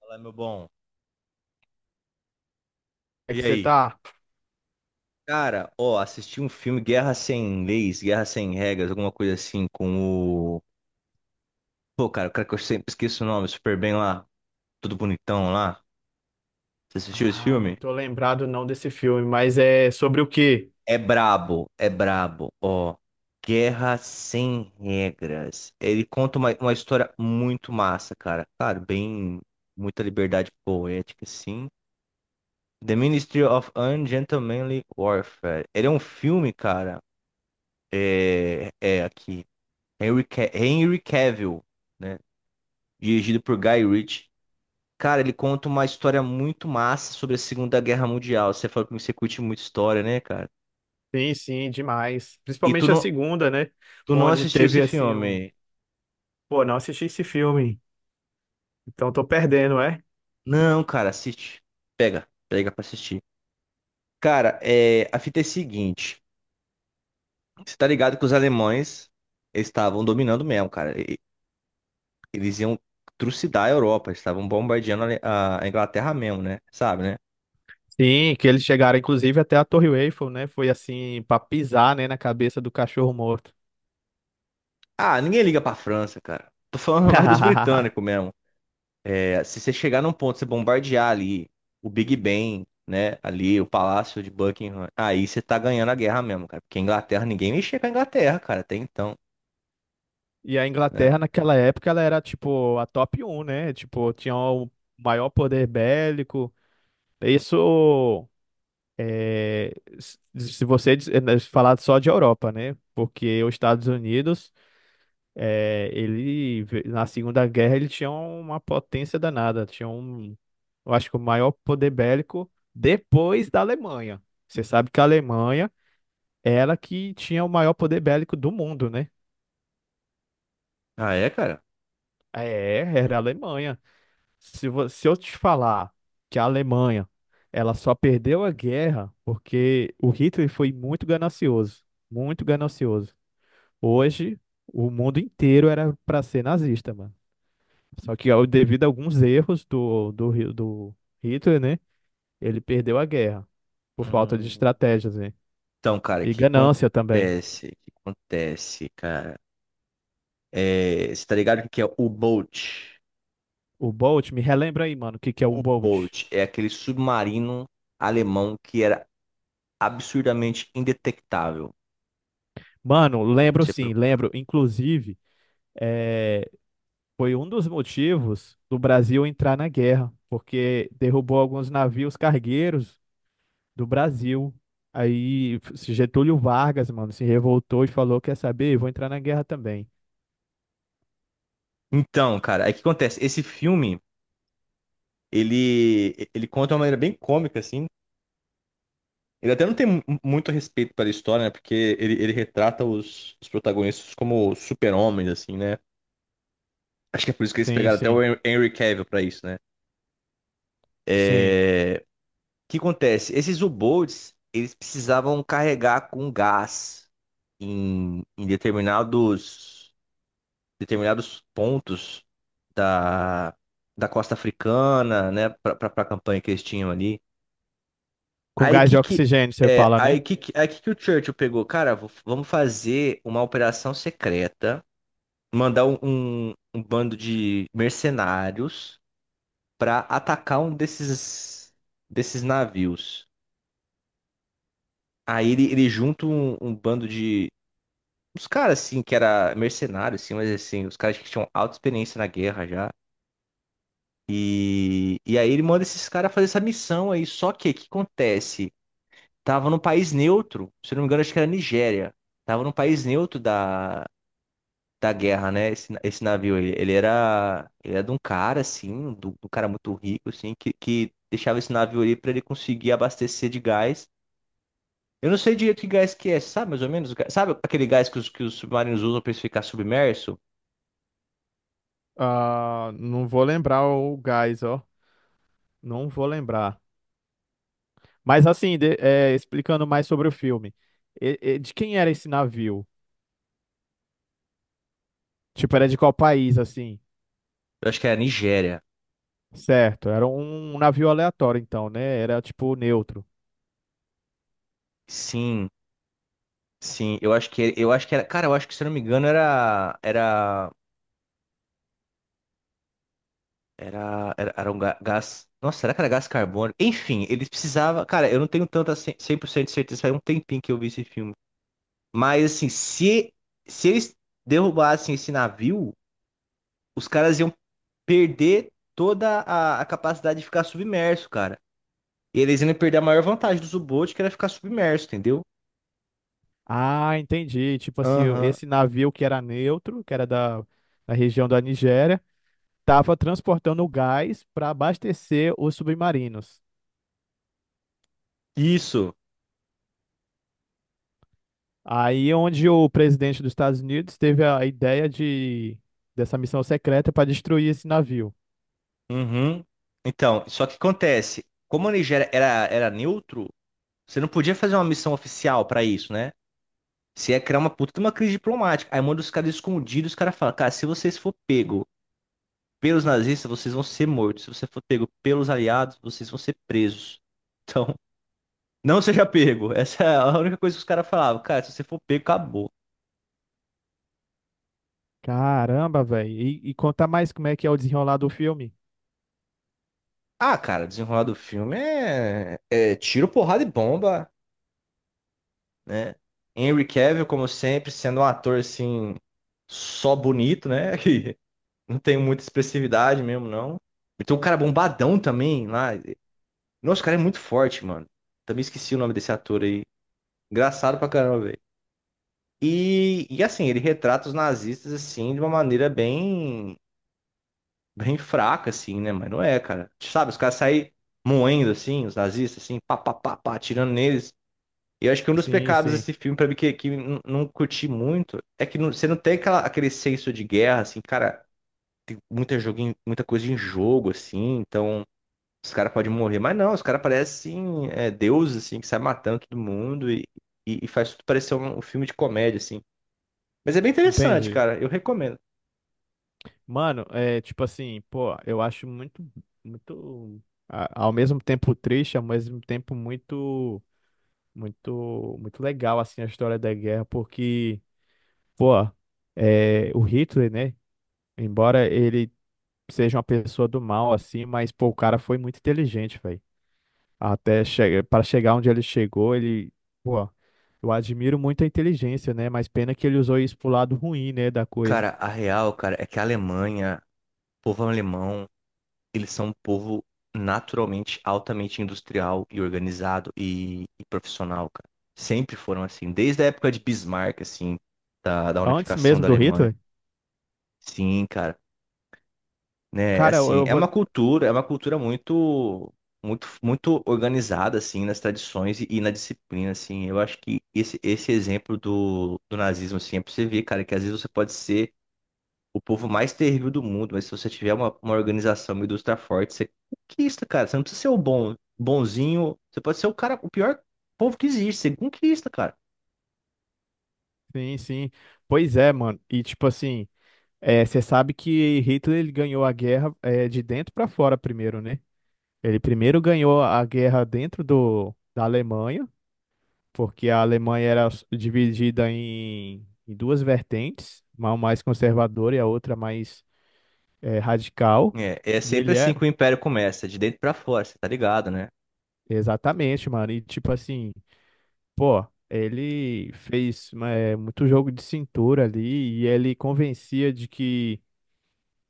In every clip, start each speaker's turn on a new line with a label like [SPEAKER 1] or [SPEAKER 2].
[SPEAKER 1] Fala, meu bom.
[SPEAKER 2] É
[SPEAKER 1] E
[SPEAKER 2] que você
[SPEAKER 1] aí?
[SPEAKER 2] tá?
[SPEAKER 1] Cara, ó, assisti um filme Guerra Sem Leis, Guerra Sem Regras, alguma coisa assim, com o. Pô, cara, o cara que eu sempre esqueço o nome, super bem lá, tudo bonitão lá. Você assistiu esse
[SPEAKER 2] Ah, não
[SPEAKER 1] filme?
[SPEAKER 2] tô lembrado não desse filme, mas é sobre o quê?
[SPEAKER 1] É brabo, ó. Guerra Sem Regras. Ele conta uma história muito massa, cara. Claro, bem. Muita liberdade poética, sim. The Ministry of Ungentlemanly Warfare. Ele é um filme, cara. É aqui. Henry, Henry Cavill, né? Dirigido por Guy Ritchie. Cara, ele conta uma história muito massa sobre a Segunda Guerra Mundial. Você falou que você curte muito história, né, cara?
[SPEAKER 2] Sim, sim, demais.
[SPEAKER 1] E tu
[SPEAKER 2] Principalmente a
[SPEAKER 1] não,
[SPEAKER 2] segunda, né?
[SPEAKER 1] tu não
[SPEAKER 2] Onde
[SPEAKER 1] assistiu
[SPEAKER 2] teve
[SPEAKER 1] esse
[SPEAKER 2] assim um.
[SPEAKER 1] filme?
[SPEAKER 2] Pô, não assisti esse filme, então tô perdendo, é?
[SPEAKER 1] Não, cara, assiste. Pega, pega pra assistir. Cara, é, a fita é a seguinte. Você tá ligado que os alemães estavam dominando mesmo, cara. Eles iam trucidar a Europa. Eles estavam bombardeando a Inglaterra mesmo, né? Sabe, né?
[SPEAKER 2] Sim, que eles chegaram inclusive até a Torre Eiffel, né? Foi assim, pra pisar, né, na cabeça do cachorro morto.
[SPEAKER 1] Ah, ninguém liga pra França, cara. Tô falando mais dos britânicos mesmo. É, se você chegar num ponto, você bombardear ali o Big Ben, né? Ali o Palácio de Buckingham, aí você tá ganhando a guerra mesmo, cara. Porque a Inglaterra, ninguém mexia com a Inglaterra, cara, até então,
[SPEAKER 2] E a
[SPEAKER 1] né?
[SPEAKER 2] Inglaterra naquela época ela era tipo a top um, né? Tipo, tinha o maior poder bélico. Isso. É, se você né, falar só de Europa, né? Porque os Estados Unidos, ele na Segunda Guerra ele tinha uma potência danada, tinha um, eu acho que o maior poder bélico depois da Alemanha. Você sabe que a Alemanha era que tinha o maior poder bélico do mundo, né?
[SPEAKER 1] Ah, é, cara?
[SPEAKER 2] É, era a Alemanha. Se eu te falar que a Alemanha ela só perdeu a guerra porque o Hitler foi muito ganancioso, muito ganancioso. Hoje, o mundo inteiro era para ser nazista, mano. Só que ó, devido a alguns erros do Hitler, né? Ele perdeu a guerra por falta de
[SPEAKER 1] Hum,
[SPEAKER 2] estratégias, né?
[SPEAKER 1] Então, cara, o
[SPEAKER 2] E
[SPEAKER 1] que
[SPEAKER 2] ganância também.
[SPEAKER 1] acontece? O que acontece, cara? É, você tá ligado o que que é o U-Boot?
[SPEAKER 2] O Bolt, me relembra aí, mano, o que que é o
[SPEAKER 1] O
[SPEAKER 2] Bolt?
[SPEAKER 1] U-Boot é aquele submarino alemão que era absurdamente indetectável.
[SPEAKER 2] Mano,
[SPEAKER 1] Depois
[SPEAKER 2] lembro
[SPEAKER 1] você
[SPEAKER 2] sim,
[SPEAKER 1] procura.
[SPEAKER 2] lembro. Inclusive, eh, foi um dos motivos do Brasil entrar na guerra, porque derrubou alguns navios cargueiros do Brasil. Aí Getúlio Vargas, mano, se revoltou e falou: Quer saber? Eu vou entrar na guerra também.
[SPEAKER 1] Então, cara, aí o que acontece? Esse filme, ele conta de uma maneira bem cômica, assim. Ele até não tem muito respeito pela história, né? Porque ele retrata os protagonistas como super-homens, assim, né? Acho que é por isso que eles
[SPEAKER 2] Sim,
[SPEAKER 1] pegaram até
[SPEAKER 2] sim,
[SPEAKER 1] o Henry Cavill pra isso, né?
[SPEAKER 2] sim.
[SPEAKER 1] É, o que acontece? Esses U-Boats, eles precisavam carregar com gás em determinados pontos da, da costa africana, né? Pra campanha que eles tinham ali.
[SPEAKER 2] Com
[SPEAKER 1] Aí
[SPEAKER 2] gás de
[SPEAKER 1] que
[SPEAKER 2] oxigênio, você
[SPEAKER 1] é,
[SPEAKER 2] fala, né?
[SPEAKER 1] aí que o Churchill pegou, cara, vamos fazer uma operação secreta, mandar um bando de mercenários pra atacar um desses navios. Aí ele junta um bando de uns caras assim que era mercenário assim, mas assim, os caras que tinham alta experiência na guerra já. E aí ele manda esses caras fazer essa missão aí, só que o que acontece? Tava num país neutro, se não me engano, acho que era Nigéria. Tava num país neutro da guerra, né? Esse navio, ele era de um cara, assim, do cara muito rico, assim, que deixava esse navio ali pra ele conseguir abastecer de gás. Eu não sei direito que gás que é, sabe mais ou menos? O gás? Sabe aquele gás que que os submarinos usam pra eles ficar submerso?
[SPEAKER 2] Ah, não vou lembrar o gás, ó. Não vou lembrar. Mas assim, é, explicando mais sobre o filme. De quem era esse navio? Tipo, era de qual país, assim?
[SPEAKER 1] Eu acho que era Nigéria.
[SPEAKER 2] Certo, era um navio aleatório, então, né? Era tipo neutro.
[SPEAKER 1] Sim, sim. Eu acho que era, cara, eu acho que se eu não me engano era um gás. Nossa, será que era gás carbônico? Enfim, eles precisavam. Cara, eu não tenho tanta 100% de certeza, faz um tempinho que eu vi esse filme. Mas, assim, se eles derrubassem esse navio, os caras iam perder toda a capacidade de ficar submerso, cara. E eles iam perder a maior vantagem do U-Boot, que era ficar submerso, entendeu?
[SPEAKER 2] Ah, entendi. Tipo assim,
[SPEAKER 1] Aham.
[SPEAKER 2] esse navio que era neutro, que era da, da região da Nigéria, estava transportando gás para abastecer os submarinos.
[SPEAKER 1] Isso.
[SPEAKER 2] Aí onde o presidente dos Estados Unidos teve a ideia de dessa missão secreta para destruir esse navio.
[SPEAKER 1] Uhum. Então, só que acontece, como a Nigéria era neutro, você não podia fazer uma missão oficial pra isso, né? Se é criar uma puta de uma crise diplomática. Aí manda os caras escondidos, os caras falam, cara, se vocês for pego pelos nazistas, vocês vão ser mortos. Se você for pego pelos aliados, vocês vão ser presos. Então, não seja pego. Essa é a única coisa que os caras falavam. Cara, se você for pego, acabou.
[SPEAKER 2] Caramba, velho. E conta mais como é que é o desenrolar do filme.
[SPEAKER 1] Ah, cara, desenrolar do filme é tiro, porrada e bomba, né? Henry Cavill, como sempre, sendo um ator assim, só bonito, né? Que não tem muita expressividade mesmo, não. E tem um cara bombadão também lá. Nossa, o cara é muito forte, mano. Também esqueci o nome desse ator aí. Engraçado pra caramba, velho. E assim, ele retrata os nazistas, assim, de uma maneira bem, bem fraca, assim, né? Mas não é, cara. Sabe, os caras saem moendo, assim, os nazistas, assim, pá, pá, pá, pá, atirando neles. E eu acho que um dos
[SPEAKER 2] Sim,
[SPEAKER 1] pecados
[SPEAKER 2] sim.
[SPEAKER 1] desse filme, pra mim, que não curti muito, é que você não tem aquele senso de guerra, assim, cara, tem muita coisa em jogo, assim, então... Os caras podem morrer, mas não, os caras parecem é, deuses, assim, que sai matando todo mundo e faz tudo parecer um filme de comédia, assim. Mas é bem interessante,
[SPEAKER 2] Entendi.
[SPEAKER 1] cara, eu recomendo.
[SPEAKER 2] Mano, é tipo assim, pô, eu acho muito, muito, a- ao mesmo tempo triste, ao mesmo tempo muito. Muito, muito legal, assim, a história da guerra, porque, pô, é, o Hitler, né? Embora ele seja uma pessoa do mal, assim, mas, pô, o cara foi muito inteligente, velho. Até che Para chegar onde ele chegou, ele, pô, eu admiro muito a inteligência, né? Mas pena que ele usou isso pro lado ruim, né, da coisa.
[SPEAKER 1] Cara, a real, cara, é que a Alemanha, o povo alemão, eles são um povo naturalmente altamente industrial e organizado e profissional, cara. Sempre foram assim, desde a época de Bismarck, assim, da
[SPEAKER 2] Antes
[SPEAKER 1] unificação
[SPEAKER 2] mesmo
[SPEAKER 1] da
[SPEAKER 2] do
[SPEAKER 1] Alemanha.
[SPEAKER 2] Hitler,
[SPEAKER 1] Sim, cara. Né? É,
[SPEAKER 2] cara, eu
[SPEAKER 1] assim,
[SPEAKER 2] eu vou.
[SPEAKER 1] é uma cultura muito, muito, muito organizada, assim, nas tradições e na disciplina, assim. Eu acho que esse exemplo do nazismo, assim, é pra você ver, cara, que às vezes você pode ser o povo mais terrível do mundo, mas se você tiver uma organização, uma indústria forte, você é conquista, cara. Você não precisa ser o bom, bonzinho, você pode ser o cara, o pior povo que existe, você conquista, cara.
[SPEAKER 2] Sim, sim. Pois é, mano. E, tipo assim, é, você sabe que Hitler ele ganhou a guerra é, de dentro pra fora primeiro, né? Ele primeiro ganhou a guerra dentro do, da Alemanha, porque a Alemanha era dividida em, em duas vertentes, uma mais conservadora e a outra mais radical.
[SPEAKER 1] É
[SPEAKER 2] E
[SPEAKER 1] sempre
[SPEAKER 2] ele
[SPEAKER 1] assim que
[SPEAKER 2] era,
[SPEAKER 1] o império começa, de dentro pra fora, você tá ligado, né?
[SPEAKER 2] exatamente, mano. E tipo assim, pô, ele fez muito jogo de cintura ali e ele convencia de que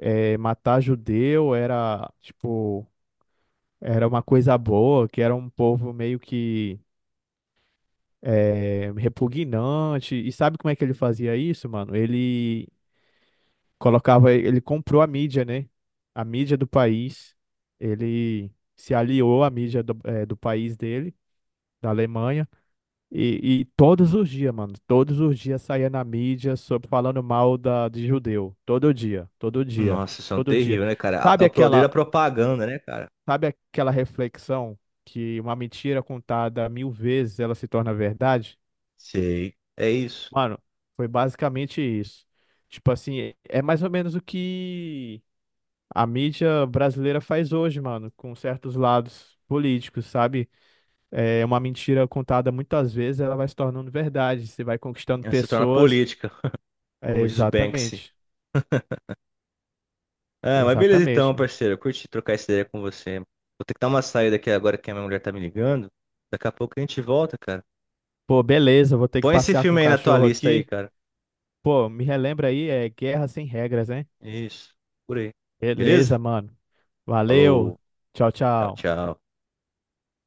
[SPEAKER 2] matar judeu era, tipo, era uma coisa boa, que era um povo meio que é, repugnante. E sabe como é que ele fazia isso, mano? Ele colocava, ele comprou a mídia, né? A mídia do país. Ele se aliou à mídia do, é, do país dele, da Alemanha. E todos os dias, mano, todos os dias saía na mídia sobre falando mal da, de judeu. Todo dia, todo dia,
[SPEAKER 1] Nossa, isso é um
[SPEAKER 2] todo dia.
[SPEAKER 1] terrível, né, cara? É
[SPEAKER 2] Sabe
[SPEAKER 1] o poder
[SPEAKER 2] aquela,
[SPEAKER 1] da propaganda, né, cara?
[SPEAKER 2] sabe aquela reflexão que uma mentira contada 1000 vezes ela se torna verdade?
[SPEAKER 1] Sei. É isso.
[SPEAKER 2] Mano, foi basicamente isso. Tipo assim, é mais ou menos o que a mídia brasileira faz hoje, mano, com certos lados políticos, sabe? É uma mentira contada muitas vezes, ela vai se tornando verdade. Você vai conquistando
[SPEAKER 1] Ela se torna
[SPEAKER 2] pessoas.
[SPEAKER 1] política,
[SPEAKER 2] É,
[SPEAKER 1] como diz o Banksy.
[SPEAKER 2] exatamente.
[SPEAKER 1] Ah, mas beleza
[SPEAKER 2] Exatamente,
[SPEAKER 1] então,
[SPEAKER 2] mano.
[SPEAKER 1] parceiro. Eu curti trocar essa ideia com você. Vou ter que dar uma saída aqui agora que a minha mulher tá me ligando. Daqui a pouco a gente volta, cara.
[SPEAKER 2] Pô, beleza, vou ter que
[SPEAKER 1] Põe esse
[SPEAKER 2] passear com o
[SPEAKER 1] filme aí na tua
[SPEAKER 2] cachorro
[SPEAKER 1] lista aí,
[SPEAKER 2] aqui.
[SPEAKER 1] cara.
[SPEAKER 2] Pô, me relembra aí, é guerra sem regras, hein?
[SPEAKER 1] Isso. Por aí.
[SPEAKER 2] Beleza,
[SPEAKER 1] Beleza?
[SPEAKER 2] mano. Valeu.
[SPEAKER 1] Falou.
[SPEAKER 2] Tchau,
[SPEAKER 1] Tchau,
[SPEAKER 2] tchau.
[SPEAKER 1] tchau.